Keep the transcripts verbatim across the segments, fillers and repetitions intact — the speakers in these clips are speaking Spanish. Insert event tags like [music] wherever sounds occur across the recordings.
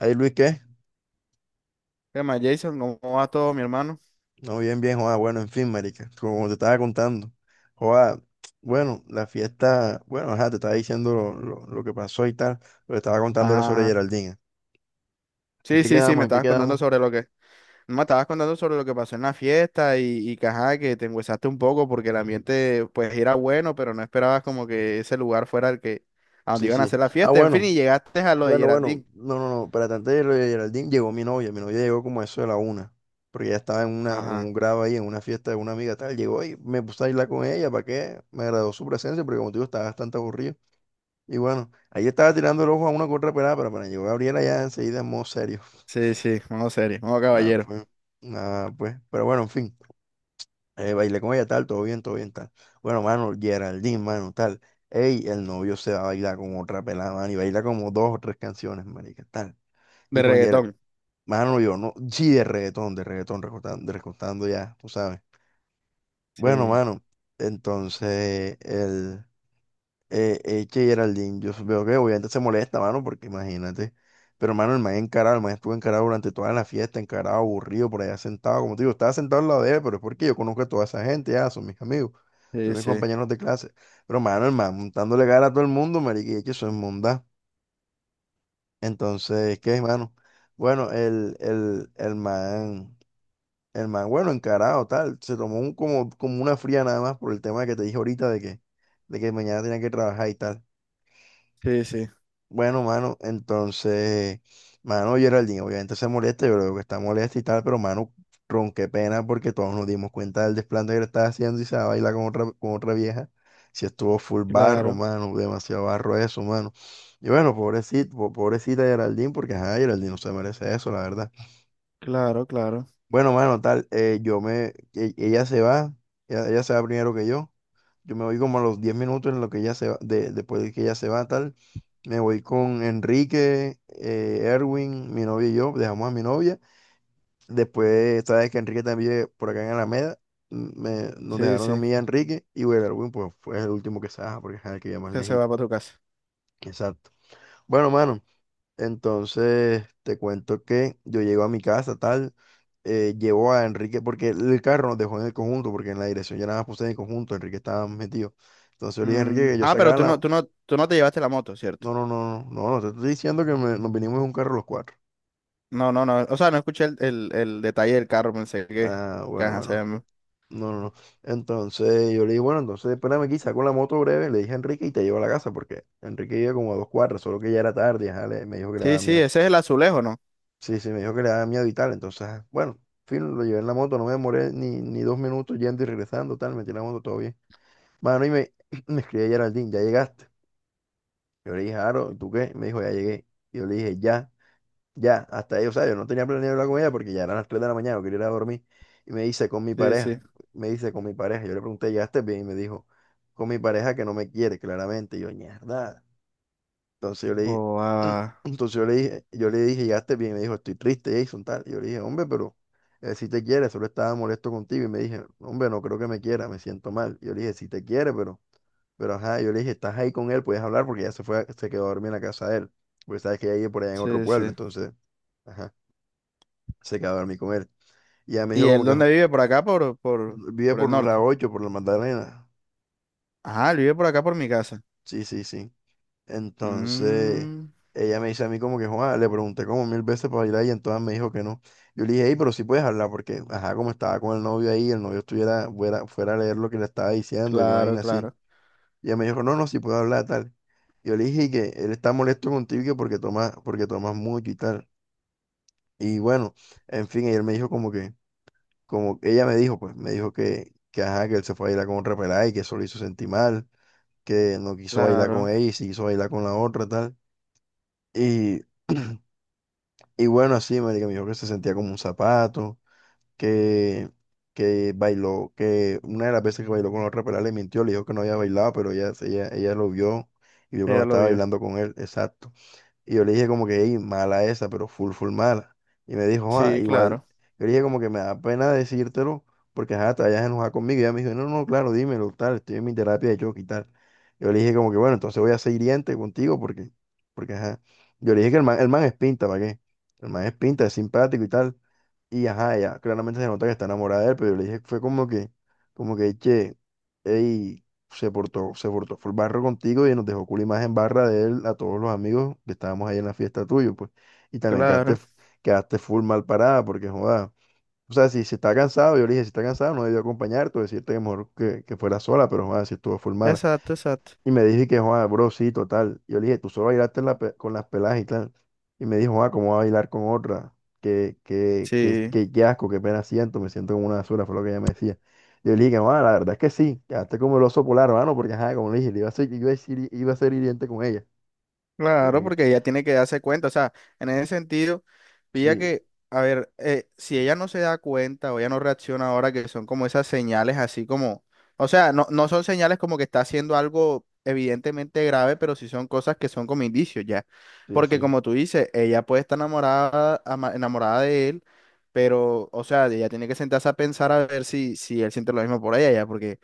Ay, Luis, ¿qué? ¿Qué más, Jason? ¿Cómo va todo, mi hermano? No, bien, bien, joda. Bueno, en fin, marica, como te estaba contando, joda, bueno, la fiesta, bueno, ajá, te estaba diciendo lo, lo- lo que pasó y tal, lo que estaba contando era sobre Ah, Geraldine. ¿En sí, qué sí, sí, quedamos? me ¿En qué estabas contando quedamos? sobre lo que... Me estabas contando sobre lo que pasó en la fiesta y, y que, ajá, que te enguesaste un poco porque el ambiente, pues, era bueno, pero no esperabas como que ese lugar fuera el que... a donde Sí, iban a sí. hacer la Ah, fiesta. En fin, y bueno, llegaste a lo de bueno, bueno, Geraldine. no, no, no, para tanto de lo de Geraldine llegó mi novia, mi novia llegó como a eso de la una, porque ella estaba en, una, en Ajá, un grado ahí, en una fiesta de una amiga tal, llegó y me puse a irla con ella, ¿para qué? Me agradó su presencia, porque como te digo, estaba bastante aburrido. Y bueno, ahí estaba tirando el ojo a una que otra pelada, pero para llegó Gabriela ya enseguida en modo serio. sí, sí, modo serio, modo Ah caballero. pues, nada, pues. Pero bueno, en fin, eh, bailé con ella tal, todo bien, todo bien, tal. Bueno, mano, Geraldine, mano, tal. Ey, el novio se va a bailar con otra pelada, mano, y baila como dos o tres canciones, marica, tal. De Y con Geraldine, reggaetón. mano, yo no, sí, de reggaetón, de reggaetón, recortando, recortando ya, tú sabes. Bueno, Sí, mano, entonces, el... eh, eh, que Geraldine, yo veo que obviamente se molesta, mano, porque imagínate. Pero, mano, el man encarado, el man estuvo encarado durante toda la fiesta, encarado, aburrido, por allá sentado. Como te digo, estaba sentado al lado de él, pero es porque yo conozco a toda esa gente, ya, son mis amigos, son sí, mis sí, compañeros de clase. Pero, mano, el man montándole cara a todo el mundo, marica, y es que eso es mundá. Entonces, ¿qué es, mano? Bueno, el, el, el man, el man, bueno, encarado, tal, se tomó un, como, como una fría nada más por el tema que te dije ahorita de que, de que mañana tenía que trabajar y tal. sí, sí. Bueno, mano, entonces, mano, Geraldine obviamente se molesta, yo creo que está molesta y tal, pero mano, ron, qué pena porque todos nos dimos cuenta del desplante que le estaba haciendo y se va a bailar con otra, con otra vieja. Si estuvo full barro, Claro, mano, demasiado barro eso, mano. Y bueno, pobrecito, po- pobrecita Geraldine, porque ajá, Geraldine no se merece eso, la verdad. claro, claro. Bueno, mano, tal, eh, yo me, e- ella se va, ella, ella se va primero que yo. Yo me voy como a los diez minutos en lo que ella se va, de, después de que ella se va, tal. Me voy con Enrique, eh, Erwin, mi novia y yo, dejamos a mi novia. Después, sabes que Enrique también vive por acá en Alameda, m- me, nos Sí, dejaron a sí, mí y a Enrique, y bueno, Erwin pues fue el último que se baja porque es el que ya más que se va lejito. para tu casa. Exacto. Bueno, mano, entonces, te cuento que yo llego a mi casa, tal, eh, llevo a Enrique, porque el carro nos dejó en el conjunto, porque en la dirección ya nada más puse en el conjunto, Enrique estaba metido. Entonces yo le dije a Enrique Mm, que yo ah, pero sacara tú no, la... tú no, tú no te llevaste la moto, ¿cierto? No, no, no, no, no, no, te estoy diciendo que me- nos vinimos en un carro los cuatro. No, no, no. O sea, no escuché el, el, el detalle del carro, pensé que, Ah, que bueno, ajá, se bueno, llama. no, no, no. Entonces yo le dije, bueno, entonces espérame aquí, saco la moto breve, le dije a Enrique y te llevo a la casa, porque Enrique iba como a dos cuadras, solo que ya era tarde, ajá, le- me dijo que le Sí, daba sí, miedo. ese es el azulejo, ¿no? Sí, sí, me dijo que le daba miedo y tal. Entonces, ah, bueno, en fin, lo llevé en la moto, no me demoré ni, ni dos minutos yendo y regresando, tal, metí la moto, todo bien. Mano, y me, [clears throat] me escribía Geraldine, ¿ya llegaste? Yo le dije, Aro, ¿y tú qué? Me dijo, ya llegué. Y yo le dije, ya, ya, hasta ahí, o sea, yo no tenía planeado hablar con ella porque ya eran las tres de la mañana, yo quería ir a dormir. Y me dice, con mi Sí, sí. pareja, me dice, con mi pareja. Yo le pregunté, ¿llegaste bien? Y me dijo, con mi pareja que no me quiere, claramente. Y yo, mierda. Entonces yo le dije, Oh, [clears throat] ah, entonces yo le dije, yo le dije, llegaste bien, me dijo, estoy triste, Jason, tal. Yo le dije, hombre, pero si te quiere, solo estaba molesto contigo. Y me dije, hombre, no creo que me quiera, me siento mal. Yo le dije, si te quiere, pero, pero ajá, yo le dije, estás ahí con él, puedes hablar porque ya se fue, a- se quedó a dormir en la casa de él. Porque sabes que ella vive por allá en otro sí, sí. pueblo, entonces, ajá, se quedó a dormir con él. Y ella me ¿Y dijo como él que dónde "Jo- vive? ¿Por acá? ¿Por, por, vive ¿por el por la norte? ocho, por la Magdalena. Ah, él vive por acá, por mi casa. Sí, sí, sí. Entonces, Mm, ella me dice a mí como que, Juan, le pregunté como mil veces para bailar y entonces me dijo que no. Yo le dije, hey, pero sí puedes hablar porque, ajá, como estaba con el novio ahí, el novio estuviera fuera, fuera, a leer lo que le estaba diciendo, alguna claro, vaina así. claro, Y ella me dijo, no, no, sí puedo hablar, tal. Yo le dije que él está molesto contigo que porque tomas, porque tomas mucho y tal. Y bueno, en fin, y él me dijo como que, como ella me dijo, pues, me dijo que, que ajá, que él se fue a bailar con otra pelada y que eso lo hizo sentir mal, que no quiso bailar con claro. ella y sí quiso bailar con la otra, tal. Y, [clears throat] y bueno, así, marica, me dijo que se sentía como un zapato, que, que bailó, que una de las veces que bailó con la otra pelada le mintió, le dijo que no había bailado, pero ella, ella, ella lo vio y vio cuando Ella lo estaba vio. bailando con él, exacto. Y yo le dije como que, "Ey, mala esa, pero full, full mala. Y me dijo, ah, Sí, igual. claro, Yo le dije como que me da pena decírtelo porque, ajá, te vayas a enojar conmigo. Y ella me dijo, no, no, claro, dímelo, tal, estoy en mi terapia de choque y tal. Yo le dije como que, bueno, entonces voy a ser hiriente contigo porque, porque, ajá. Yo le dije que el man, el man es pinta, ¿para qué? El man es pinta, es simpático y tal. Y ajá, ella claramente se nota que está enamorada de él, pero yo le dije, fue como que, como que, che, ey, se portó, se portó, fue el barro contigo y nos dejó cool imagen barra de él a todos los amigos que estábamos ahí en la fiesta tuyo, pues. Y también quedaste, claro. f- quedaste full mal parada, porque joda. O sea, si, si está cansado, yo le dije, si está cansado, no debió acompañarte o decirte que mejor que, que fuera sola, pero joda, si estuvo full mal. Exacto, exacto. Y me dije que, Juan, bro, sí, total. Yo le dije, tú solo bailaste la pe- con las peladas y tal. Y me dijo, Juan, ¿cómo va a bailar con otra? Qué, qué, qué, Sí. qué, qué asco, qué pena siento, me siento como una basura, fue lo que ella me decía. Yo le dije, Juan, la verdad es que sí, quedaste como el oso polar, hermano, porque, ajá, como le dije, le iba a ser, iba a ser, iba a ser hiriente con ella. Le dije Claro, que, porque ella tiene que darse cuenta, o sea, en ese sentido, pilla sí, que, a ver, eh, si ella no se da cuenta o ella no reacciona ahora, que son como esas señales así como, o sea, no, no son señales como que está haciendo algo evidentemente grave, pero sí son cosas que son como indicios ya, sí, porque sí, como tú dices, ella puede estar enamorada, ama- enamorada de él, pero, o sea, ella tiene que sentarse a pensar a ver si, si él siente lo mismo por ella ya, porque...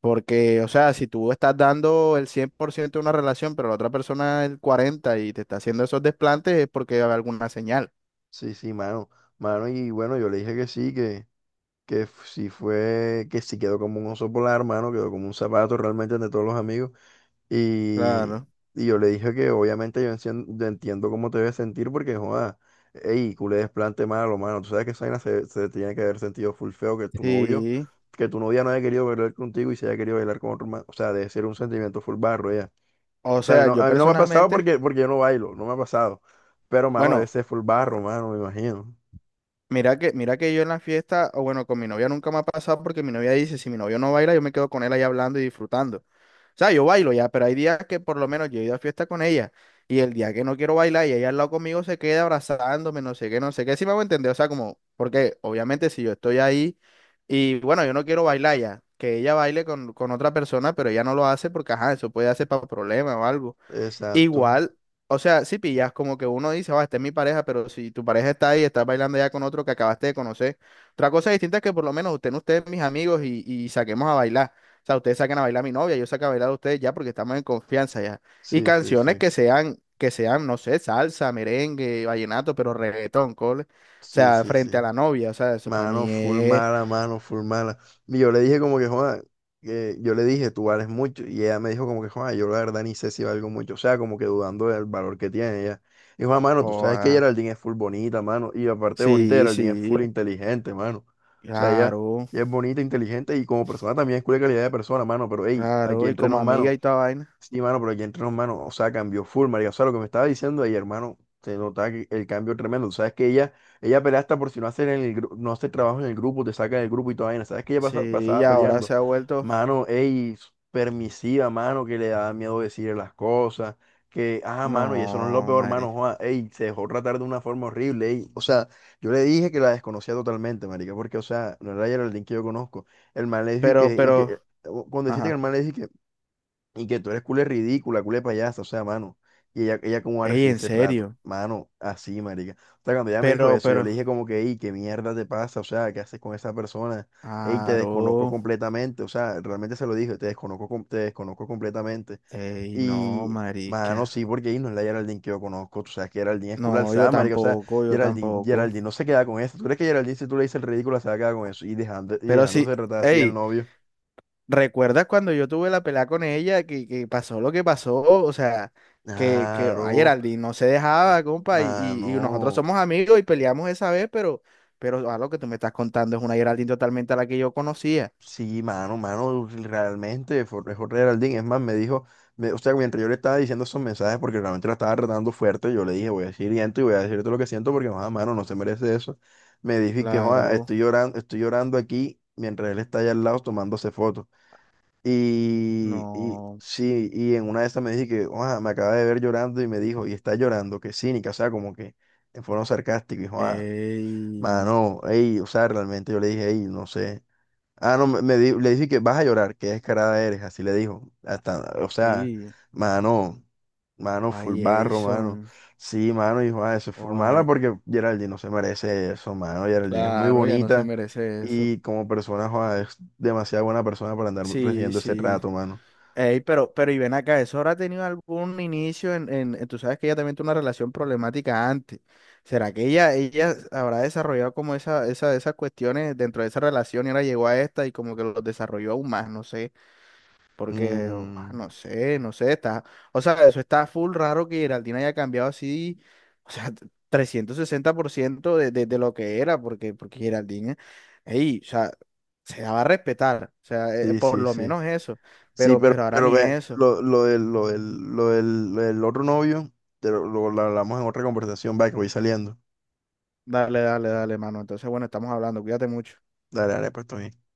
Porque, o sea, si tú estás dando el cien por ciento de una relación, pero la otra persona el cuarenta por ciento y te está haciendo esos desplantes, es porque hay alguna señal. sí, sí, mano, mano, y bueno, yo le dije que sí, que, que f- sí fue, que sí quedó como un oso polar, mano, quedó como un zapato realmente de todos los amigos. Y, Claro. y yo le dije que obviamente yo, encien- yo entiendo cómo te debes sentir porque, joda, ey, culé desplante malo, mano. Tú sabes que esa vaina se, se tiene que haber sentido full feo que tu novio, Sí. que tu novia no haya querido bailar contigo y se haya querido bailar con otro man. O sea, debe ser un sentimiento full barro ya. O O sea, a mí sea, no, yo a mí no me ha pasado personalmente, porque, porque yo no bailo, no me ha pasado. Pero, mano, debe bueno, ser full barro, mano, me imagino. mira que, mira que yo en la fiesta, o bueno, con mi novia nunca me ha pasado porque mi novia dice, si mi novio no baila, yo me quedo con él ahí hablando y disfrutando. O sea, yo bailo ya, pero hay días que por lo menos yo he ido a fiesta con ella y el día que no quiero bailar y ella al lado conmigo se queda abrazándome, no sé qué, no sé qué, si me hago entender, o sea, como, porque obviamente si yo estoy ahí y bueno, yo no quiero bailar ya, que ella baile con, con otra persona, pero ella no lo hace porque, ajá, eso puede hacer para problemas o algo. Exacto. Igual, o sea, si pillas, como que uno dice, va, esta es mi pareja, pero si tu pareja está ahí, estás bailando ya con otro que acabaste de conocer. Otra cosa distinta es que por lo menos usted, no ustedes, mis amigos, y, y saquemos a bailar. O sea, ustedes saquen a bailar a mi novia, yo saco a bailar a ustedes ya porque estamos en confianza ya. Y Sí, sí, canciones sí. que sean, que sean, no sé, salsa, merengue, vallenato, pero reggaetón, cole. O Sí, sea, sí, sí. frente a la novia, o sea, eso para Mano, mí full es. mala, mano, full mala. Y yo le dije como que, joda que yo le dije, tú vales mucho. Y ella me dijo como que, joda yo la verdad ni sé si valgo mucho. O sea, como que dudando del valor que tiene ella. Y Juan, mano, tú sabes que Joda. Geraldine es full bonita, mano. Y aparte de bonita, Sí, Geraldine es sí, full inteligente, mano. O sea, ella, claro, ella es bonita, inteligente y como persona también es cool de calidad de persona, mano. Pero, hey, aquí claro, y entre como nos, amiga mano. y toda vaina. Sí, mano, pero aquí entre nos, mano, o sea, cambió full, marica. O sea, lo que me estaba diciendo ahí, hermano, se notaba que el cambio tremendo. Tú sabes que ella, ella pelea hasta por si no hace, en el, gru- no hace trabajo en el grupo, te saca del grupo y toda vaina. Sabes que ella pasa- Sí, y pasaba ahora peleando. se ha vuelto. Mano, ey, permisiva, mano, que le da miedo decir las cosas. Que, ah, mano, y eso no es lo No, peor, mano, madre. joa, ey, se dejó tratar de una forma horrible, ey. O sea, yo le dije que la desconocía totalmente, marica, porque, o sea, no era Geraldine que yo conozco. El man le dijo y Pero, que, y que, eh, pero, cuando deciste que el ajá. man le dijo y que tú eres culé ridícula, culé payasa, o sea, mano. Y ella, ella cómo va a Ey, recibir en ese trato. serio. Mano, así, marica. O sea, cuando ella me dijo Pero, eso, yo le pero. dije como que, ey, ¿qué mierda te pasa? O sea, ¿qué haces con esa persona? Ey, te desconozco Aro. completamente. O sea, realmente se lo dije, te desconozco, com- te desconozco completamente. Ey, no, Y, mano, marica. sí, porque ahí no es la Geraldine que yo conozco. Tú sabes que Geraldine es culo No, yo alzada, marica. O sea, tampoco, yo Geraldine, tampoco. Geraldine no se queda con eso. ¿Tú crees que Geraldine, si tú le dices el ridículo, se va a quedar con eso? Y dejando, y Pero sí, dejándose tratar así al ey, novio. ¿recuerdas cuando yo tuve la pelea con ella que, que pasó lo que pasó? O sea, que, que a Claro. Geraldine no se dejaba, compa, y, y, y nosotros Mano, somos amigos y peleamos esa vez, pero, pero a lo que tú me estás contando es una Geraldine totalmente a la que yo conocía. sí, mano, mano, realmente fue fue Geraldine. Es más, me dijo, me- o sea, mientras yo le estaba diciendo esos mensajes, porque realmente la estaba tratando fuerte, yo le dije, voy a decir esto y voy a decirte lo que siento, porque, joda, mano, no se merece eso. Me dijo y que, joda, Claro, estoy llorando, estoy llorando aquí mientras él está allá al lado tomándose fotos. Y, y no. sí, y en una de esas me dije que, joda, me acaba de ver llorando y me dijo, y está llorando, que cínica, o sea, como que en forma sarcástica, y joda, Ey. mano, ey, o sea, realmente yo le dije, ey, no sé. Ah, no, me, me di- le dije que vas a llorar, que descarada eres, así le dijo. Hasta, o sea, Sí. mano, mano, full Ay, barro, mano. Jason. Sí, mano, dijo, ah, eso es full mala Ay, porque Geraldine no se merece eso, mano. Geraldine es muy claro, ya no se bonita merece eso. y como persona, joda, es demasiado buena persona para andar Sí, recibiendo ese sí. trato, mano. Ey, pero, pero y ven acá, ¿eso habrá tenido algún inicio en, en, en- tú sabes que ella también tuvo una relación problemática antes? ¿Será que ella, ella habrá desarrollado como esa, esa, esas cuestiones dentro de esa relación y ahora llegó a esta y como que los desarrolló aún más? No sé. Porque, ah, Mm, no sé, no sé, está, o sea, eso está full raro que Geraldine haya cambiado así, o sea, trescientos sesenta por ciento de, de, de lo que era, porque, porque Geraldine, ey, o sea, se daba a respetar, o sea, eh, sí, por sí, lo sí. menos eso, Sí, pero, pero, pero ahora pero ni ve, eso. lo, lo del, lo del, lo del, lo del otro novio, te lo, lo- lo hablamos en otra conversación, va, que voy saliendo. Dale, dale, dale, mano. Entonces, bueno, estamos hablando, cuídate mucho. Dale, dale, pues, todo bien.